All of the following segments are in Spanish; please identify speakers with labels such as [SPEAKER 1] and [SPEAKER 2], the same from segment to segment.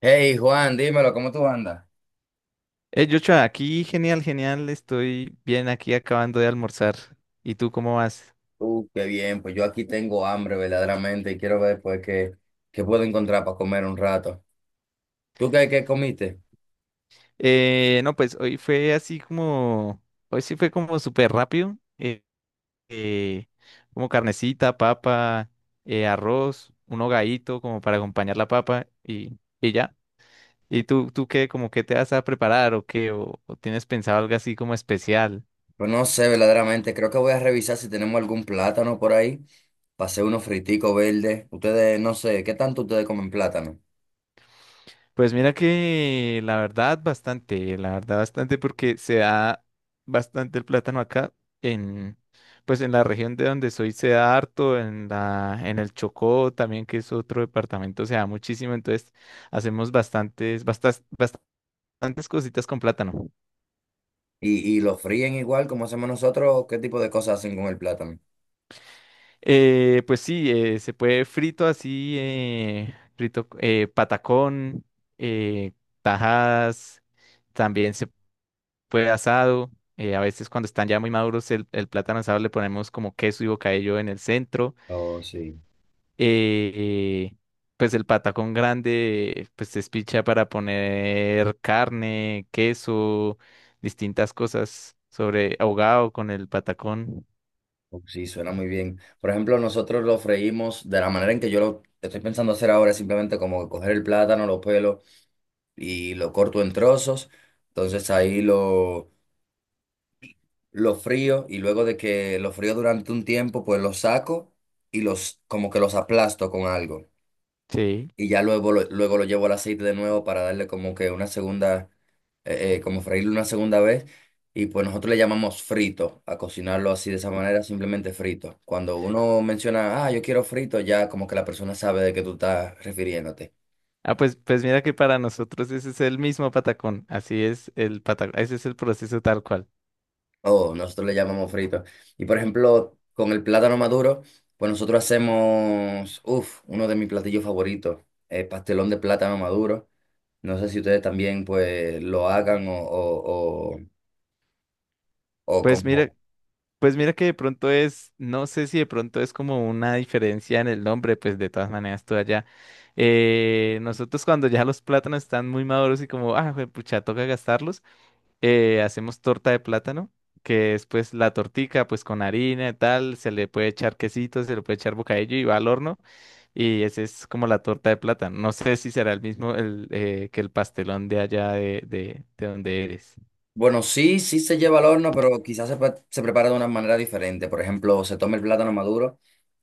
[SPEAKER 1] Hey Juan, dímelo, ¿cómo tú andas?
[SPEAKER 2] Joshua, aquí genial, genial, estoy bien aquí acabando de almorzar. ¿Y tú cómo vas?
[SPEAKER 1] Qué bien, pues yo aquí tengo hambre verdaderamente y quiero ver pues qué puedo encontrar para comer un rato. ¿Tú qué comiste?
[SPEAKER 2] No, pues hoy fue así como, hoy sí fue como súper rápido, eh, como carnecita, papa, arroz, un hogadito como para acompañar la papa y ya. ¿Y tú qué, como qué te vas a preparar o qué? ¿O tienes pensado algo así como especial?
[SPEAKER 1] Pues no sé verdaderamente, creo que voy a revisar si tenemos algún plátano por ahí. Pasé unos friticos verdes. Ustedes, no sé, ¿qué tanto ustedes comen plátano?
[SPEAKER 2] Pues mira que la verdad bastante porque se da bastante el plátano acá en pues en la región de donde soy se da harto, en la en el Chocó también que es otro departamento se da muchísimo, entonces hacemos bastantes cositas con plátano.
[SPEAKER 1] ¿Y lo fríen igual como hacemos nosotros? ¿O qué tipo de cosas hacen con el plátano?
[SPEAKER 2] Pues sí, se puede frito así, frito patacón, eh, tajadas, también se puede asado. A veces cuando están ya muy maduros el plátano asado le ponemos como queso y bocadillo en el centro.
[SPEAKER 1] Oh, sí.
[SPEAKER 2] eh, eh, pues el patacón grande pues se espicha para poner carne, queso, distintas cosas sobre ahogado con el patacón.
[SPEAKER 1] Oh, sí, suena muy bien. Por ejemplo, nosotros lo freímos de la manera en que yo lo estoy pensando hacer ahora, es simplemente como coger el plátano, los pelos y lo corto en trozos. Entonces ahí lo frío y luego de que lo frío durante un tiempo, pues lo saco y los como que los aplasto con algo.
[SPEAKER 2] Sí.
[SPEAKER 1] Y ya luego luego lo llevo al aceite de nuevo para darle como que una segunda, como freírlo una segunda vez. Y pues nosotros le llamamos frito, a cocinarlo así de esa manera, simplemente frito. Cuando uno menciona, ah, yo quiero frito, ya como que la persona sabe de qué tú estás refiriéndote.
[SPEAKER 2] Ah, pues, pues mira que para nosotros ese es el mismo patacón. Así es el patacón. Ese es el proceso tal cual.
[SPEAKER 1] Oh, nosotros le llamamos frito. Y por ejemplo, con el plátano maduro, pues nosotros hacemos, uff, uno de mis platillos favoritos, pastelón de plátano maduro. No sé si ustedes también pues lo hagan o
[SPEAKER 2] Pues mira,
[SPEAKER 1] como...
[SPEAKER 2] pues mira que de pronto es, no sé si de pronto es como una diferencia en el nombre, pues de todas maneras todo allá. Nosotros cuando ya los plátanos están muy maduros y como, ah, pucha, toca gastarlos, hacemos torta de plátano, que es pues la tortica, pues con harina y tal, se le puede echar quesito, se le puede echar bocadillo y va al horno y esa es como la torta de plátano. No sé si será el mismo el, que el pastelón de allá de donde eres.
[SPEAKER 1] Bueno, sí, sí se lleva al horno, pero quizás pre- se prepara de una manera diferente. Por ejemplo, se toma el plátano maduro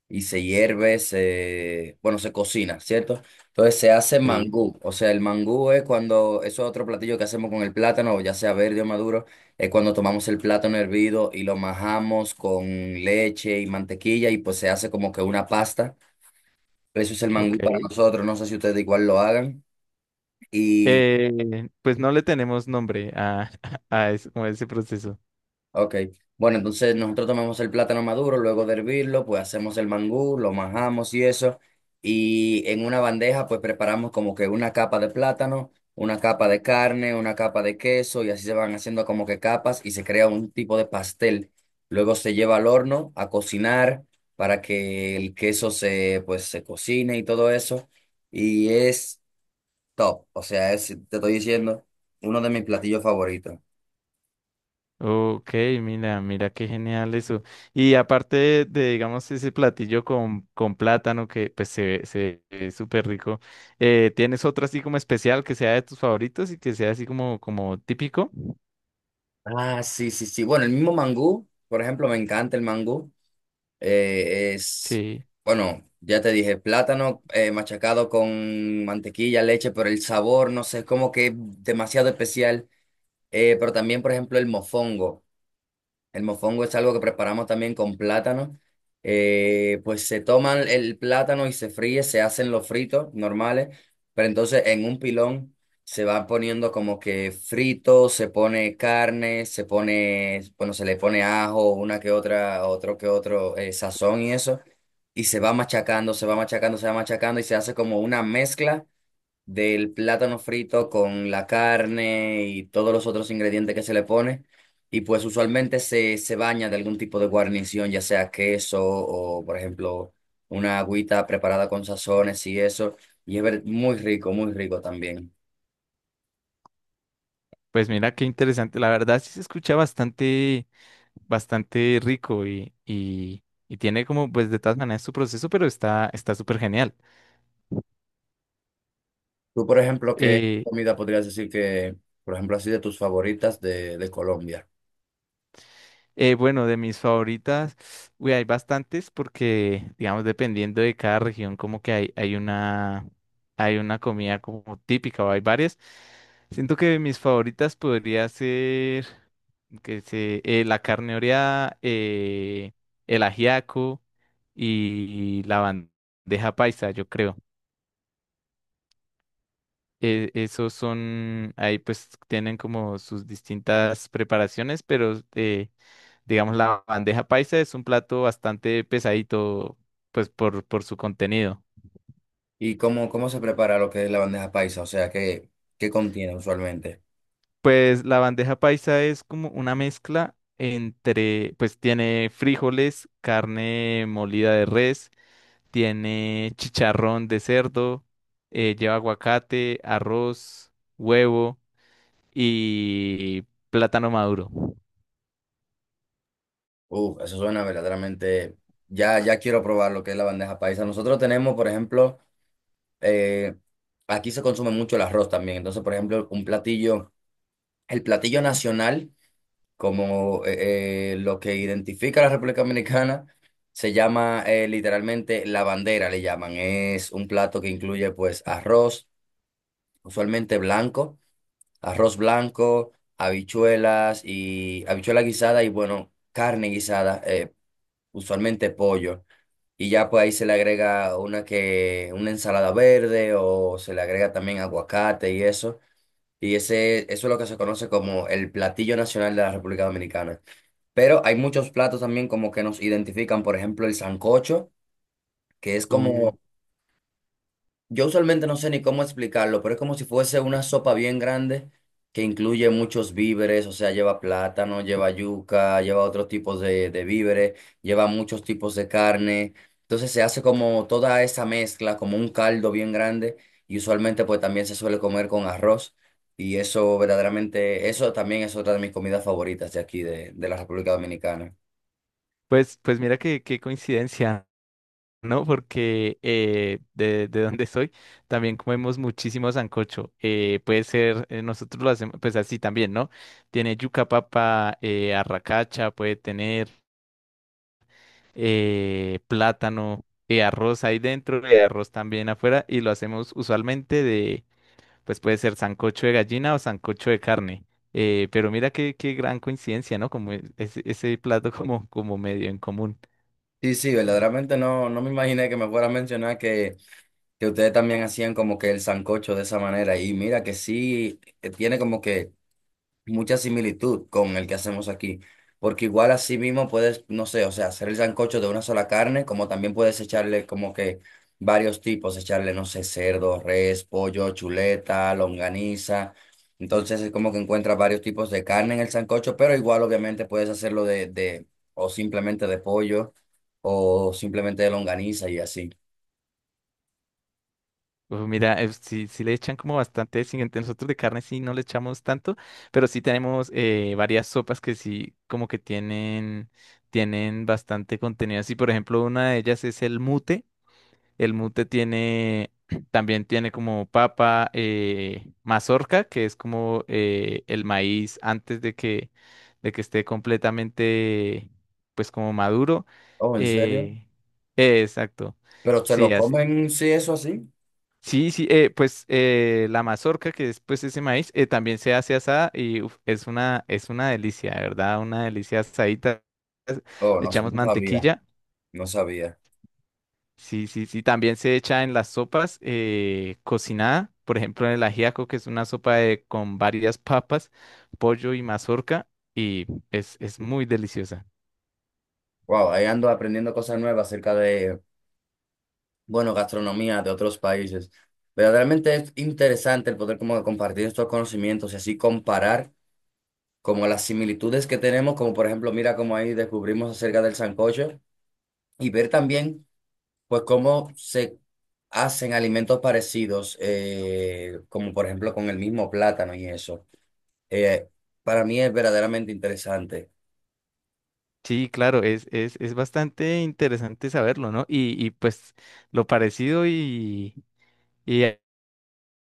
[SPEAKER 1] y se hierve, se, bueno, se cocina, ¿cierto? Entonces se hace
[SPEAKER 2] Sí,
[SPEAKER 1] mangú, o sea, el mangú es cuando, eso es otro platillo que hacemos con el plátano, ya sea verde o maduro, es cuando tomamos el plátano hervido y lo majamos con leche y mantequilla y pues se hace como que una pasta. Eso es el
[SPEAKER 2] ok.
[SPEAKER 1] mangú para nosotros, no sé si ustedes igual lo hagan. Y
[SPEAKER 2] Pues no le tenemos nombre a, a, como a ese proceso.
[SPEAKER 1] ok. Bueno, entonces nosotros tomamos el plátano maduro, luego de hervirlo, pues hacemos el mangú, lo majamos y eso. Y en una bandeja, pues preparamos como que una capa de plátano, una capa de carne, una capa de queso, y así se van haciendo como que capas y se crea un tipo de pastel. Luego se lleva al horno a cocinar para que el queso se, pues, se cocine y todo eso. Y es top. O sea, es, te estoy diciendo, uno de mis platillos favoritos.
[SPEAKER 2] Ok, mira, mira qué genial eso. Y aparte digamos, ese platillo con plátano que pues se ve súper rico, ¿tienes otro así como especial que sea de tus favoritos y que sea así como, como típico?
[SPEAKER 1] Ah, sí, sí, sí. Bueno, el mismo mangú, por ejemplo, me encanta el mangú. Es,
[SPEAKER 2] Sí,
[SPEAKER 1] bueno, ya te dije, plátano machacado con mantequilla, leche, pero el sabor, no sé, es como que demasiado especial. Pero también, por ejemplo, el mofongo. El mofongo es algo que preparamos también con plátano. Pues se toman el plátano y se fríe, se hacen los fritos normales, pero entonces en un pilón se va poniendo como que frito, se pone carne, se pone, bueno, se le pone ajo, una que otra, otro que otro sazón y eso, y se va machacando, se va machacando, se va machacando y se hace como una mezcla del plátano frito con la carne y todos los otros ingredientes que se le pone. Y pues usualmente se baña de algún tipo de guarnición, ya sea queso o, por ejemplo, una agüita preparada con sazones y eso. Y es ver- muy rico también.
[SPEAKER 2] pues mira qué interesante. La verdad sí se escucha bastante, bastante rico y tiene como pues de todas maneras su proceso, pero está, está súper genial.
[SPEAKER 1] Tú, por ejemplo, ¿qué
[SPEAKER 2] Eh,
[SPEAKER 1] comida podrías decir por ejemplo, así de tus favoritas de Colombia?
[SPEAKER 2] Bueno, de mis favoritas, uy, hay bastantes porque, digamos, dependiendo de cada región, como que hay, hay una comida como típica o hay varias. Siento que de mis favoritas podría ser, que sé, la carne oreada, el ajiaco y la bandeja paisa, yo creo. Esos son, ahí pues tienen como sus distintas preparaciones, pero… Digamos, la bandeja paisa es un plato bastante pesadito, pues por su contenido.
[SPEAKER 1] ¿Y cómo se prepara lo que es la bandeja paisa? O sea, qué contiene usualmente?
[SPEAKER 2] Pues la bandeja paisa es como una mezcla entre, pues tiene frijoles, carne molida de res, tiene chicharrón de cerdo, lleva aguacate, arroz, huevo y plátano maduro.
[SPEAKER 1] Uf, eso suena verdaderamente. Ya, ya quiero probar lo que es la bandeja paisa. Nosotros tenemos, por ejemplo, eh, aquí se consume mucho el arroz también. Entonces, por ejemplo, un platillo, el platillo nacional, como lo que identifica a la República Dominicana, se llama literalmente la bandera, le llaman. Es un plato que incluye, pues, arroz, usualmente blanco, arroz blanco, habichuelas y habichuela guisada y, bueno, carne guisada, usualmente pollo. Y ya pues ahí se le agrega una que, una ensalada verde o se le agrega también aguacate y eso. Y ese, eso es lo que se conoce como el platillo nacional de la República Dominicana. Pero hay muchos platos también como que nos identifican, por ejemplo, el sancocho, que es
[SPEAKER 2] Uh,
[SPEAKER 1] como yo usualmente no sé ni cómo explicarlo, pero es como si fuese una sopa bien grande que incluye muchos víveres, o sea, lleva plátano, lleva yuca, lleva otros tipos de víveres, lleva muchos tipos de carne. Entonces se hace como toda esa mezcla, como un caldo bien grande y usualmente pues también se suele comer con arroz y eso verdaderamente, eso también es otra de mis comidas favoritas de aquí, de la República Dominicana.
[SPEAKER 2] pues, pues mira qué, qué coincidencia. ¿No? Porque de donde soy también comemos muchísimo sancocho. Puede ser, nosotros lo hacemos pues así también, ¿no? Tiene yuca papa, arracacha, puede tener plátano, arroz ahí dentro y arroz también afuera y lo hacemos usualmente de, pues puede ser sancocho de gallina o sancocho de carne. Pero mira qué, qué gran coincidencia, ¿no? Como ese, ese plato como, como medio en común.
[SPEAKER 1] Sí, sí, verdaderamente no me imaginé que me fuera a mencionar que ustedes también hacían como que el sancocho de esa manera. Y mira que sí, tiene como que mucha similitud con el que hacemos aquí. Porque igual así mismo puedes, no sé, o sea, hacer el sancocho de una sola carne, como también puedes echarle como que varios tipos, echarle, no sé, cerdo, res, pollo, chuleta, longaniza. Entonces es como que encuentras varios tipos de carne en el sancocho, pero igual obviamente puedes hacerlo o simplemente de pollo, o simplemente de longaniza y así.
[SPEAKER 2] Uf, mira, sí, sí le echan como bastante, sí, nosotros de carne sí no le echamos tanto, pero sí tenemos varias sopas que sí como que tienen, tienen bastante contenido. Así, por ejemplo, una de ellas es el mute. El mute tiene, también tiene como papa, mazorca, que es como el maíz antes de que esté completamente, pues como maduro.
[SPEAKER 1] Oh, ¿en serio?
[SPEAKER 2] Eh, exacto.
[SPEAKER 1] Pero se
[SPEAKER 2] Sí,
[SPEAKER 1] lo comen, sí, eso así.
[SPEAKER 2] sí, sí, pues la mazorca, que es pues ese maíz, también se hace asada y uf, es una delicia, de ¿verdad? Una delicia asadita.
[SPEAKER 1] Oh,
[SPEAKER 2] Le
[SPEAKER 1] no, sa-
[SPEAKER 2] echamos
[SPEAKER 1] no sabía,
[SPEAKER 2] mantequilla.
[SPEAKER 1] no sabía.
[SPEAKER 2] Sí, sí, sí. También se echa en las sopas cocinada, por ejemplo, en el ajiaco, que es una con varias papas, pollo y mazorca, y es muy deliciosa.
[SPEAKER 1] Wow, ahí ando aprendiendo cosas nuevas acerca de, bueno, gastronomía de otros países. Verdaderamente es interesante el poder como compartir estos conocimientos y así comparar como las similitudes que tenemos, como por ejemplo, mira cómo ahí descubrimos acerca del sancocho y ver también, pues, cómo se hacen alimentos parecidos, como por ejemplo con el mismo plátano y eso. Eh, para mí es verdaderamente interesante.
[SPEAKER 2] Sí, claro, es bastante interesante saberlo, ¿no? Y pues lo parecido y… y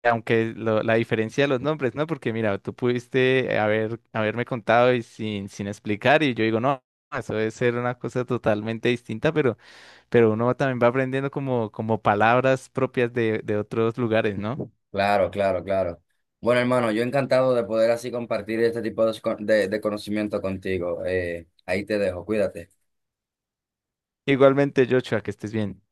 [SPEAKER 2] aunque la diferencia de los nombres, ¿no? Porque mira, tú pudiste haber, haberme contado y sin explicar y yo digo, no, eso debe ser una cosa totalmente distinta, pero uno también va aprendiendo como, como palabras propias de otros lugares, ¿no?
[SPEAKER 1] Claro, claro, claro. Bueno, hermano, yo encantado de poder así compartir este tipo de conocimiento contigo. Ahí te dejo, cuídate.
[SPEAKER 2] Igualmente, Joshua, que estés bien.